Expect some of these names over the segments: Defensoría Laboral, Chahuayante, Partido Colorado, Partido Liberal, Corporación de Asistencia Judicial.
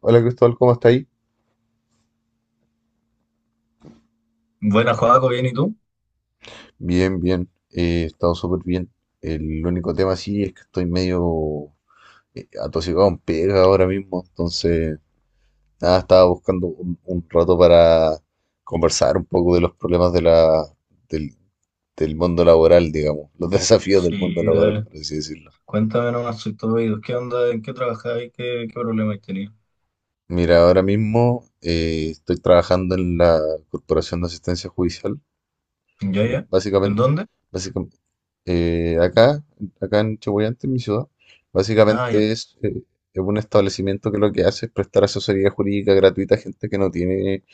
Hola Cristóbal, ¿cómo está ahí? Buenas, Joaco, bien, ¿y tú? Bien, bien, he estado súper bien. El único tema sí es que estoy medio atosigado en pega ahora mismo, entonces nada, estaba buscando un rato para conversar un poco de los problemas de del, del mundo laboral, digamos, los desafíos del Sí, mundo laboral, dale. por así decirlo. Cuéntame nomás, soy todo oídos. ¿Qué onda? ¿En qué trabajabas? ¿Qué problema has tenido? Mira, ahora mismo estoy trabajando en la Corporación de Asistencia Judicial. ¿Ya, Lo- ya? ¿En Básicamente dónde? Básicamente, eh, acá, acá en Chahuayante, en mi ciudad, Ah, ya. básicamente es, eh, es un establecimiento que lo que hace es prestar asesoría jurídica gratuita a gente que no tiene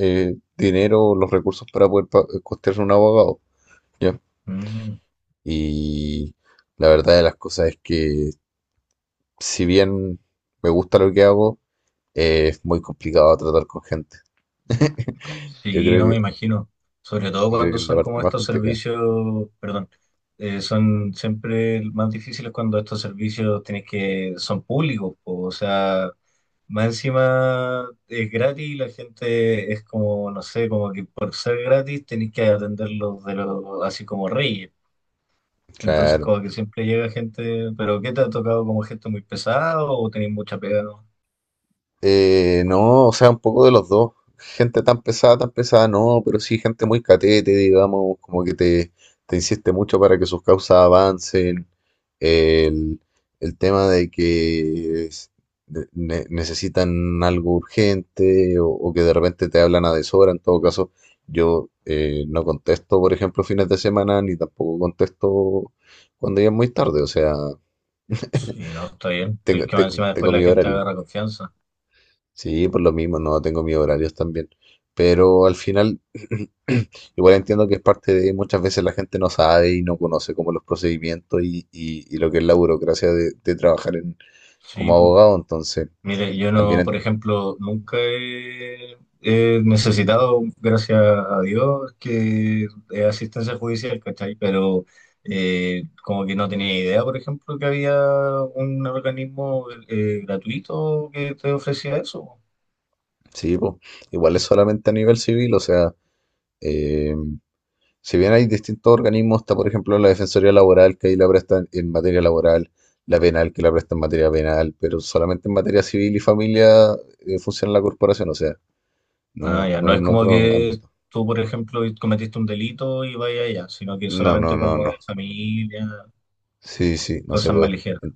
dinero o los recursos para poder costearse un abogado. ¿Ya? Mm, Y la verdad de las cosas es que, si bien me gusta lo que hago, es muy complicado tratar con gente. Yo sí, creo no que, me imagino. Sobre todo yo creo cuando que es la son como parte más estos complicada. servicios, perdón, son siempre más difíciles cuando estos servicios tienes que, son públicos, po. O sea, más encima es gratis y la gente es como, no sé, como que por ser gratis tenéis que atenderlos de lo así como reyes. Entonces, Claro. como que siempre llega gente, pero ¿qué te ha tocado? ¿Como gente muy pesado o tenés mucha pega, no? No, o sea, un poco de los dos. Gente tan pesada, no, pero sí gente muy catete, digamos, como que te insiste mucho para que sus causas avancen. El, el tema de que necesitan algo urgente o que de repente te hablan a deshora. En todo caso, yo no contesto, por ejemplo, fines de semana, ni tampoco contesto cuando ya es muy tarde. O sea, Sí, no, está bien. Es que más encima tengo después la mi gente horario. agarra confianza. Sí, por lo mismo, no tengo mis horarios también. Pero al final, igual entiendo que es parte de muchas veces la gente no sabe y no conoce como los procedimientos y lo que es la burocracia de trabajar en, Sí, como pu. abogado. Entonces, Mire, yo también, no, en- por ejemplo, nunca he, he necesitado, gracias a Dios, que asistencia judicial, ¿cachai? Pero como que no tenía idea, por ejemplo, que había un organismo gratuito que te ofrecía eso. sí, po, igual es solamente a nivel civil. O sea, eh, si bien hay distintos organismos, está por ejemplo la Defensoría Laboral que ahí la presta en materia laboral, la penal que la presta en materia penal, pero solamente en materia civil y familia funciona la corporación. O sea, no, Ah, ya, no no es en como otro que ámbito. tú, por ejemplo, cometiste un delito y vaya allá, sino que No, no, solamente no, como de no. familia, Sí, sí, no se cosas más puede. ligeras. En,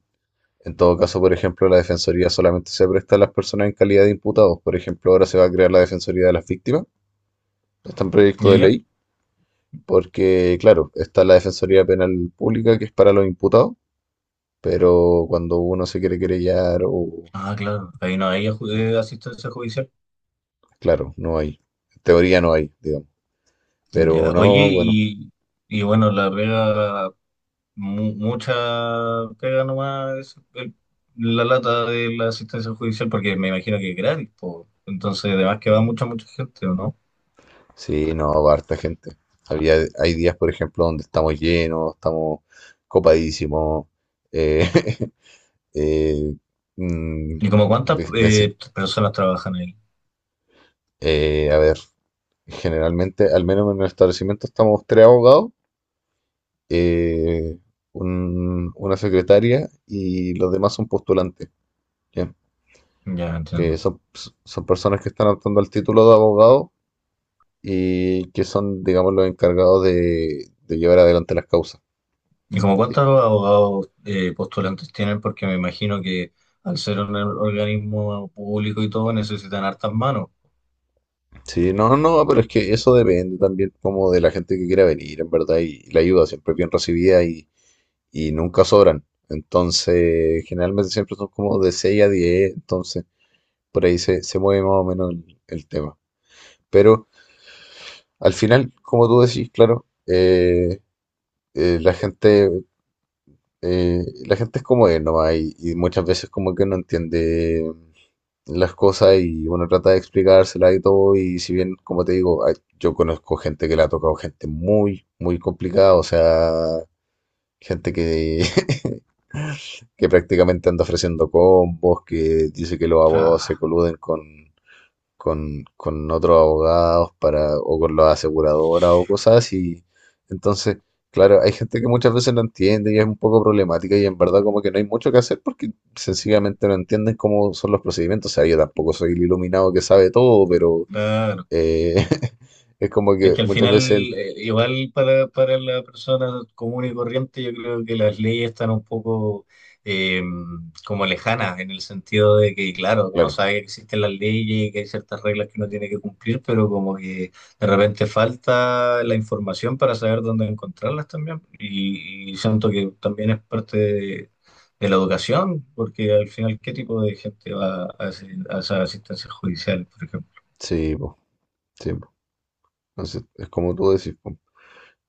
en todo caso, por ejemplo, la defensoría solamente se presta a las personas en calidad de imputados. Por ejemplo, ahora se va a crear la defensoría de las víctimas. Está en proyecto ¿Ya, de ya? ley, porque, claro, está la defensoría penal pública que es para los imputados, pero cuando uno se quiere querellar o... Ah, claro, ahí no hay no, asistencia judicial. claro, no hay. En teoría no hay, digamos. Pero Ya, oye, no, bueno. Y bueno, la pega, mucha pega nomás es la lata de la asistencia judicial, porque me imagino que es gratis, po. Entonces, además que va mucha, mucha gente, ¿o no? Sí, no, va harta gente. Hay días, por ejemplo, donde estamos llenos, estamos copadísimos. Eh, eh, mm, ¿Y como cuántas ve- veces, personas trabajan ahí? A ver, generalmente, al menos en el establecimiento, estamos tres abogados, eh, una secretaria y los demás son postulantes, ¿ya? Ya, entiendo. Que son, son personas que están optando al título de abogado y que son, digamos, los encargados de llevar adelante las causas. ¿Y como ¿Sí? cuántos abogados postulantes tienen? Porque me imagino que al ser un organismo público y todo necesitan hartas manos. Sí, no, no, no, pero es que eso depende también como de la gente que quiera venir, en verdad, y, la ayuda siempre es bien recibida y nunca sobran. Entonces, generalmente siempre son como de 6 a 10. Entonces por ahí se mueve más o menos el tema. Pero al final, como tú decís, claro, eh, la gente, la gente es como es nomás y muchas veces como que no entiende las cosas y uno trata de explicársela y todo. Y si bien, como te digo, hay- yo conozco gente que la ha tocado, gente muy, muy complicada, o sea, gente que, que prácticamente anda ofreciendo combos, que dice que O los sea, abogados se coluden con otros abogados para, o con las aseguradoras o cosas así. Entonces, claro, hay gente que muchas veces no entiende y es un poco problemática y en verdad como que no hay mucho que hacer porque sencillamente no entienden cómo son los procedimientos. O sea, yo tampoco soy el iluminado que sabe todo, pero claro. eh, es como Es que que al muchas final, veces, el- igual para la persona común y corriente, yo creo que las leyes están un poco eh, como lejanas, en el sentido de que, claro, uno claro, sabe que existen las leyes y que hay ciertas reglas que uno tiene que cumplir, pero como que de repente falta la información para saber dónde encontrarlas también. Y siento que también es parte de la educación, porque al final, ¿qué tipo de gente va a, a esa asistencia judicial, por ejemplo? sí, po, sí, po. Entonces, es como tú decís, po.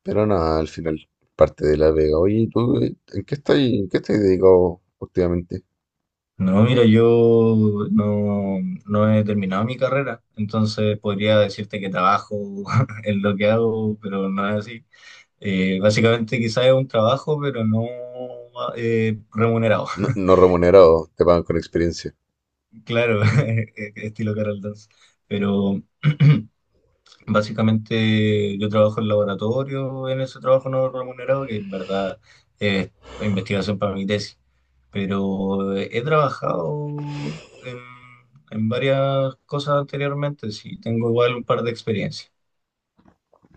Pero nada, al final, parte de la vega. Oye, ¿y ¿tú en qué estás dedicado últimamente? No, mira, yo no, no he terminado mi carrera, entonces podría decirte que trabajo en lo que hago, pero no es así. Básicamente quizás es un trabajo, pero no remunerado, No, no remunerado, te pagan con experiencia. claro, estilo Carol Dance. Pero básicamente yo trabajo en laboratorio, en ese trabajo no remunerado, que en verdad es investigación para mi tesis, pero he trabajado en varias cosas anteriormente, sí, tengo igual un par de experiencias.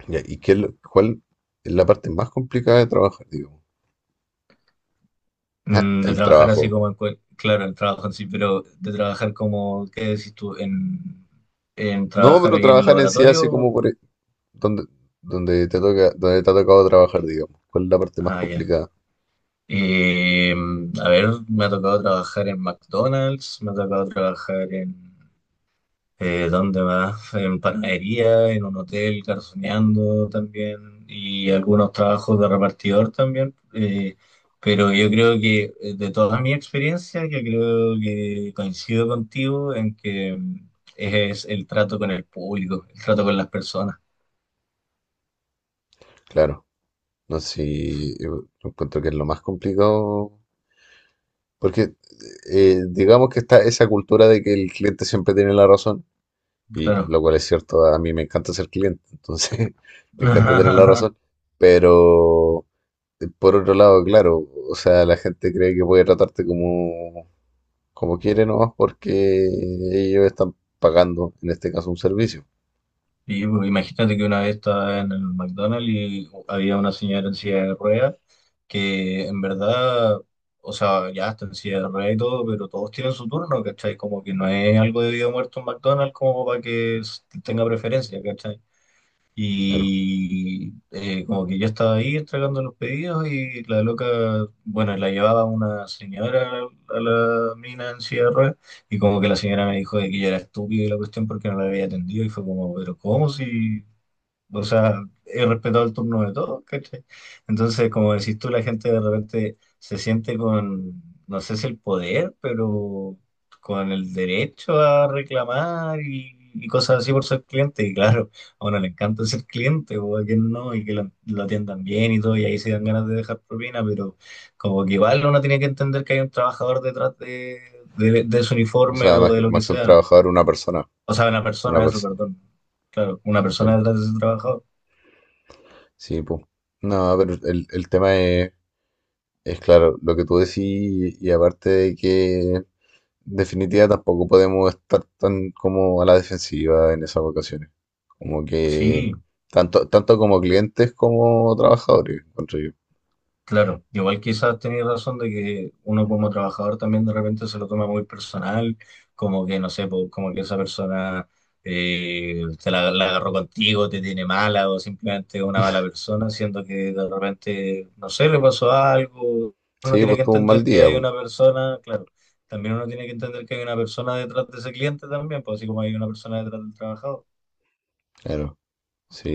Ya, ¿y qué es lo- cuál es la parte más complicada de trabajar, digo Ah, Mm, de el trabajar así trabajo. como, en claro, el trabajo en sí, pero de trabajar como, ¿qué decís tú? En No, trabajar pero ahí en el trabajar en sí así como laboratorio. por e- donde, donde te toca, donde te ha tocado trabajar, digamos. ¿Cuál es la parte más Ah, ya. complicada? Eh, a ver, me ha tocado trabajar en McDonald's, me ha tocado trabajar en... ¿dónde más? En panadería, en un hotel, garzoneando también, y algunos trabajos de repartidor también. Pero yo creo que de toda mi experiencia, yo creo que coincido contigo en que mm, es el trato con el público, el trato con las personas, Claro, no sé, si yo encuentro que es lo más complicado, porque digamos que está esa cultura de que el cliente siempre tiene la razón, y claro. lo cual es cierto, a mí me encanta ser cliente, entonces me encanta tener la razón, pero por otro lado, claro, o sea, la gente cree que puede tratarte como, como quiere nomás porque ellos están pagando, en este caso, un servicio, Y pues, imagínate que una vez estaba en el McDonald's y había una señora en silla de ruedas que en verdad, o sea, ya está en silla de ruedas y todo, pero todos tienen su turno, ¿cachai? Como que no es algo de vida o muerto en McDonald's como para que tenga preferencia, ¿cachai? claro. Y como que yo estaba ahí entregando los pedidos y la loca, bueno, la llevaba una señora a la mina en silla de ruedas y como que la señora me dijo de que yo era estúpido y la cuestión porque no la había atendido y fue como, pero ¿cómo si...? O sea, he respetado el turno de todos, ¿cachai? Entonces, como decís tú, la gente de repente se siente con, no sé si el poder, pero con el derecho a reclamar y cosas así por ser cliente. Y claro, a uno le encanta ser cliente, o a quien no, y que lo atiendan bien y todo, y ahí se dan ganas de dejar propina, pero como que igual uno tiene que entender que hay un trabajador detrás de su O uniforme sea, o de lo que más que un sea. trabajador, O sea, una una persona, eso, persona, perdón. Claro, una persona claro. detrás de ese trabajador. Sí, pues. No, pero el tema es claro, lo que tú decís y aparte de que, en definitiva, tampoco podemos estar tan como a la defensiva en esas ocasiones. Como que, Sí, tanto como clientes como trabajadores, encuentro yo. claro. Igual quizás tenía razón de que uno como trabajador también de repente se lo toma muy personal, como que, no sé, po, como que esa persona te la, la agarró contigo, te tiene mala o simplemente es una mala persona, siendo que de repente, no sé, le pasó algo. Uno Sí, tiene pues que tuvo un entender mal que día, hay pues. una persona, claro, también uno tiene que entender que hay una persona detrás de ese cliente también, pues así como hay una persona detrás del trabajador. Claro,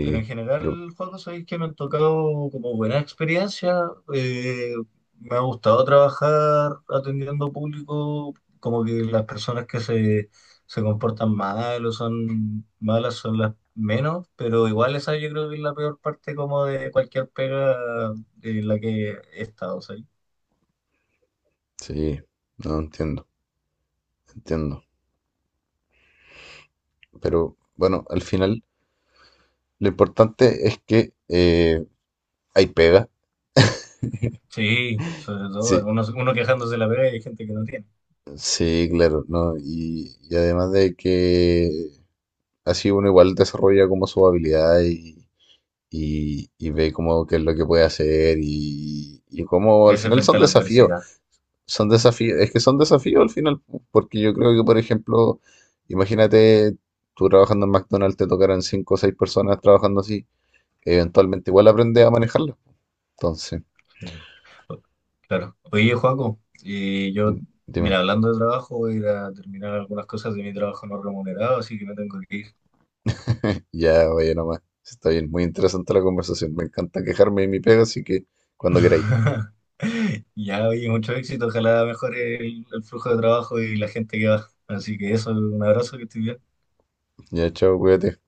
Pero en pero general, Juan, sabéis que me han tocado como buena experiencia. eh, Me ha gustado trabajar atendiendo público, como que las personas que se comportan mal o son malas son las menos, pero igual esa yo creo que es la peor parte como de cualquier pega en la que he estado, ¿sabí? sí, no entiendo, entiendo. Pero bueno, al final lo importante es que hay pega. Sí, sobre todo, Sí, algunos, uno quejándose de la pega y hay gente que no tiene. sí, claro, ¿no? Y además de que así uno igual desarrolla como su habilidad y ve como qué es lo que puede hacer y como al Crece final frente son a la desafíos. adversidad. Son desafíos, es que son desafíos al final, pu, porque yo creo que, por ejemplo, imagínate tú trabajando en McDonald's, te tocaran cinco o seis personas trabajando así, eventualmente igual aprendes a manejarlo. Entonces, Sí. O... claro. Oye, Joaco, y yo, mm, mira, dime, hablando de trabajo, voy a ir a terminar algunas cosas de mi trabajo no remunerado, así que me tengo que ir. ya vaya nomás. Está bien, muy interesante la conversación. Me encanta quejarme de mi pega, así que cuando queráis. Ya, oye, mucho éxito. Ojalá mejore el flujo de trabajo y la gente que va. Así que eso, un abrazo, que estés bien. Ya, chao, cuídate.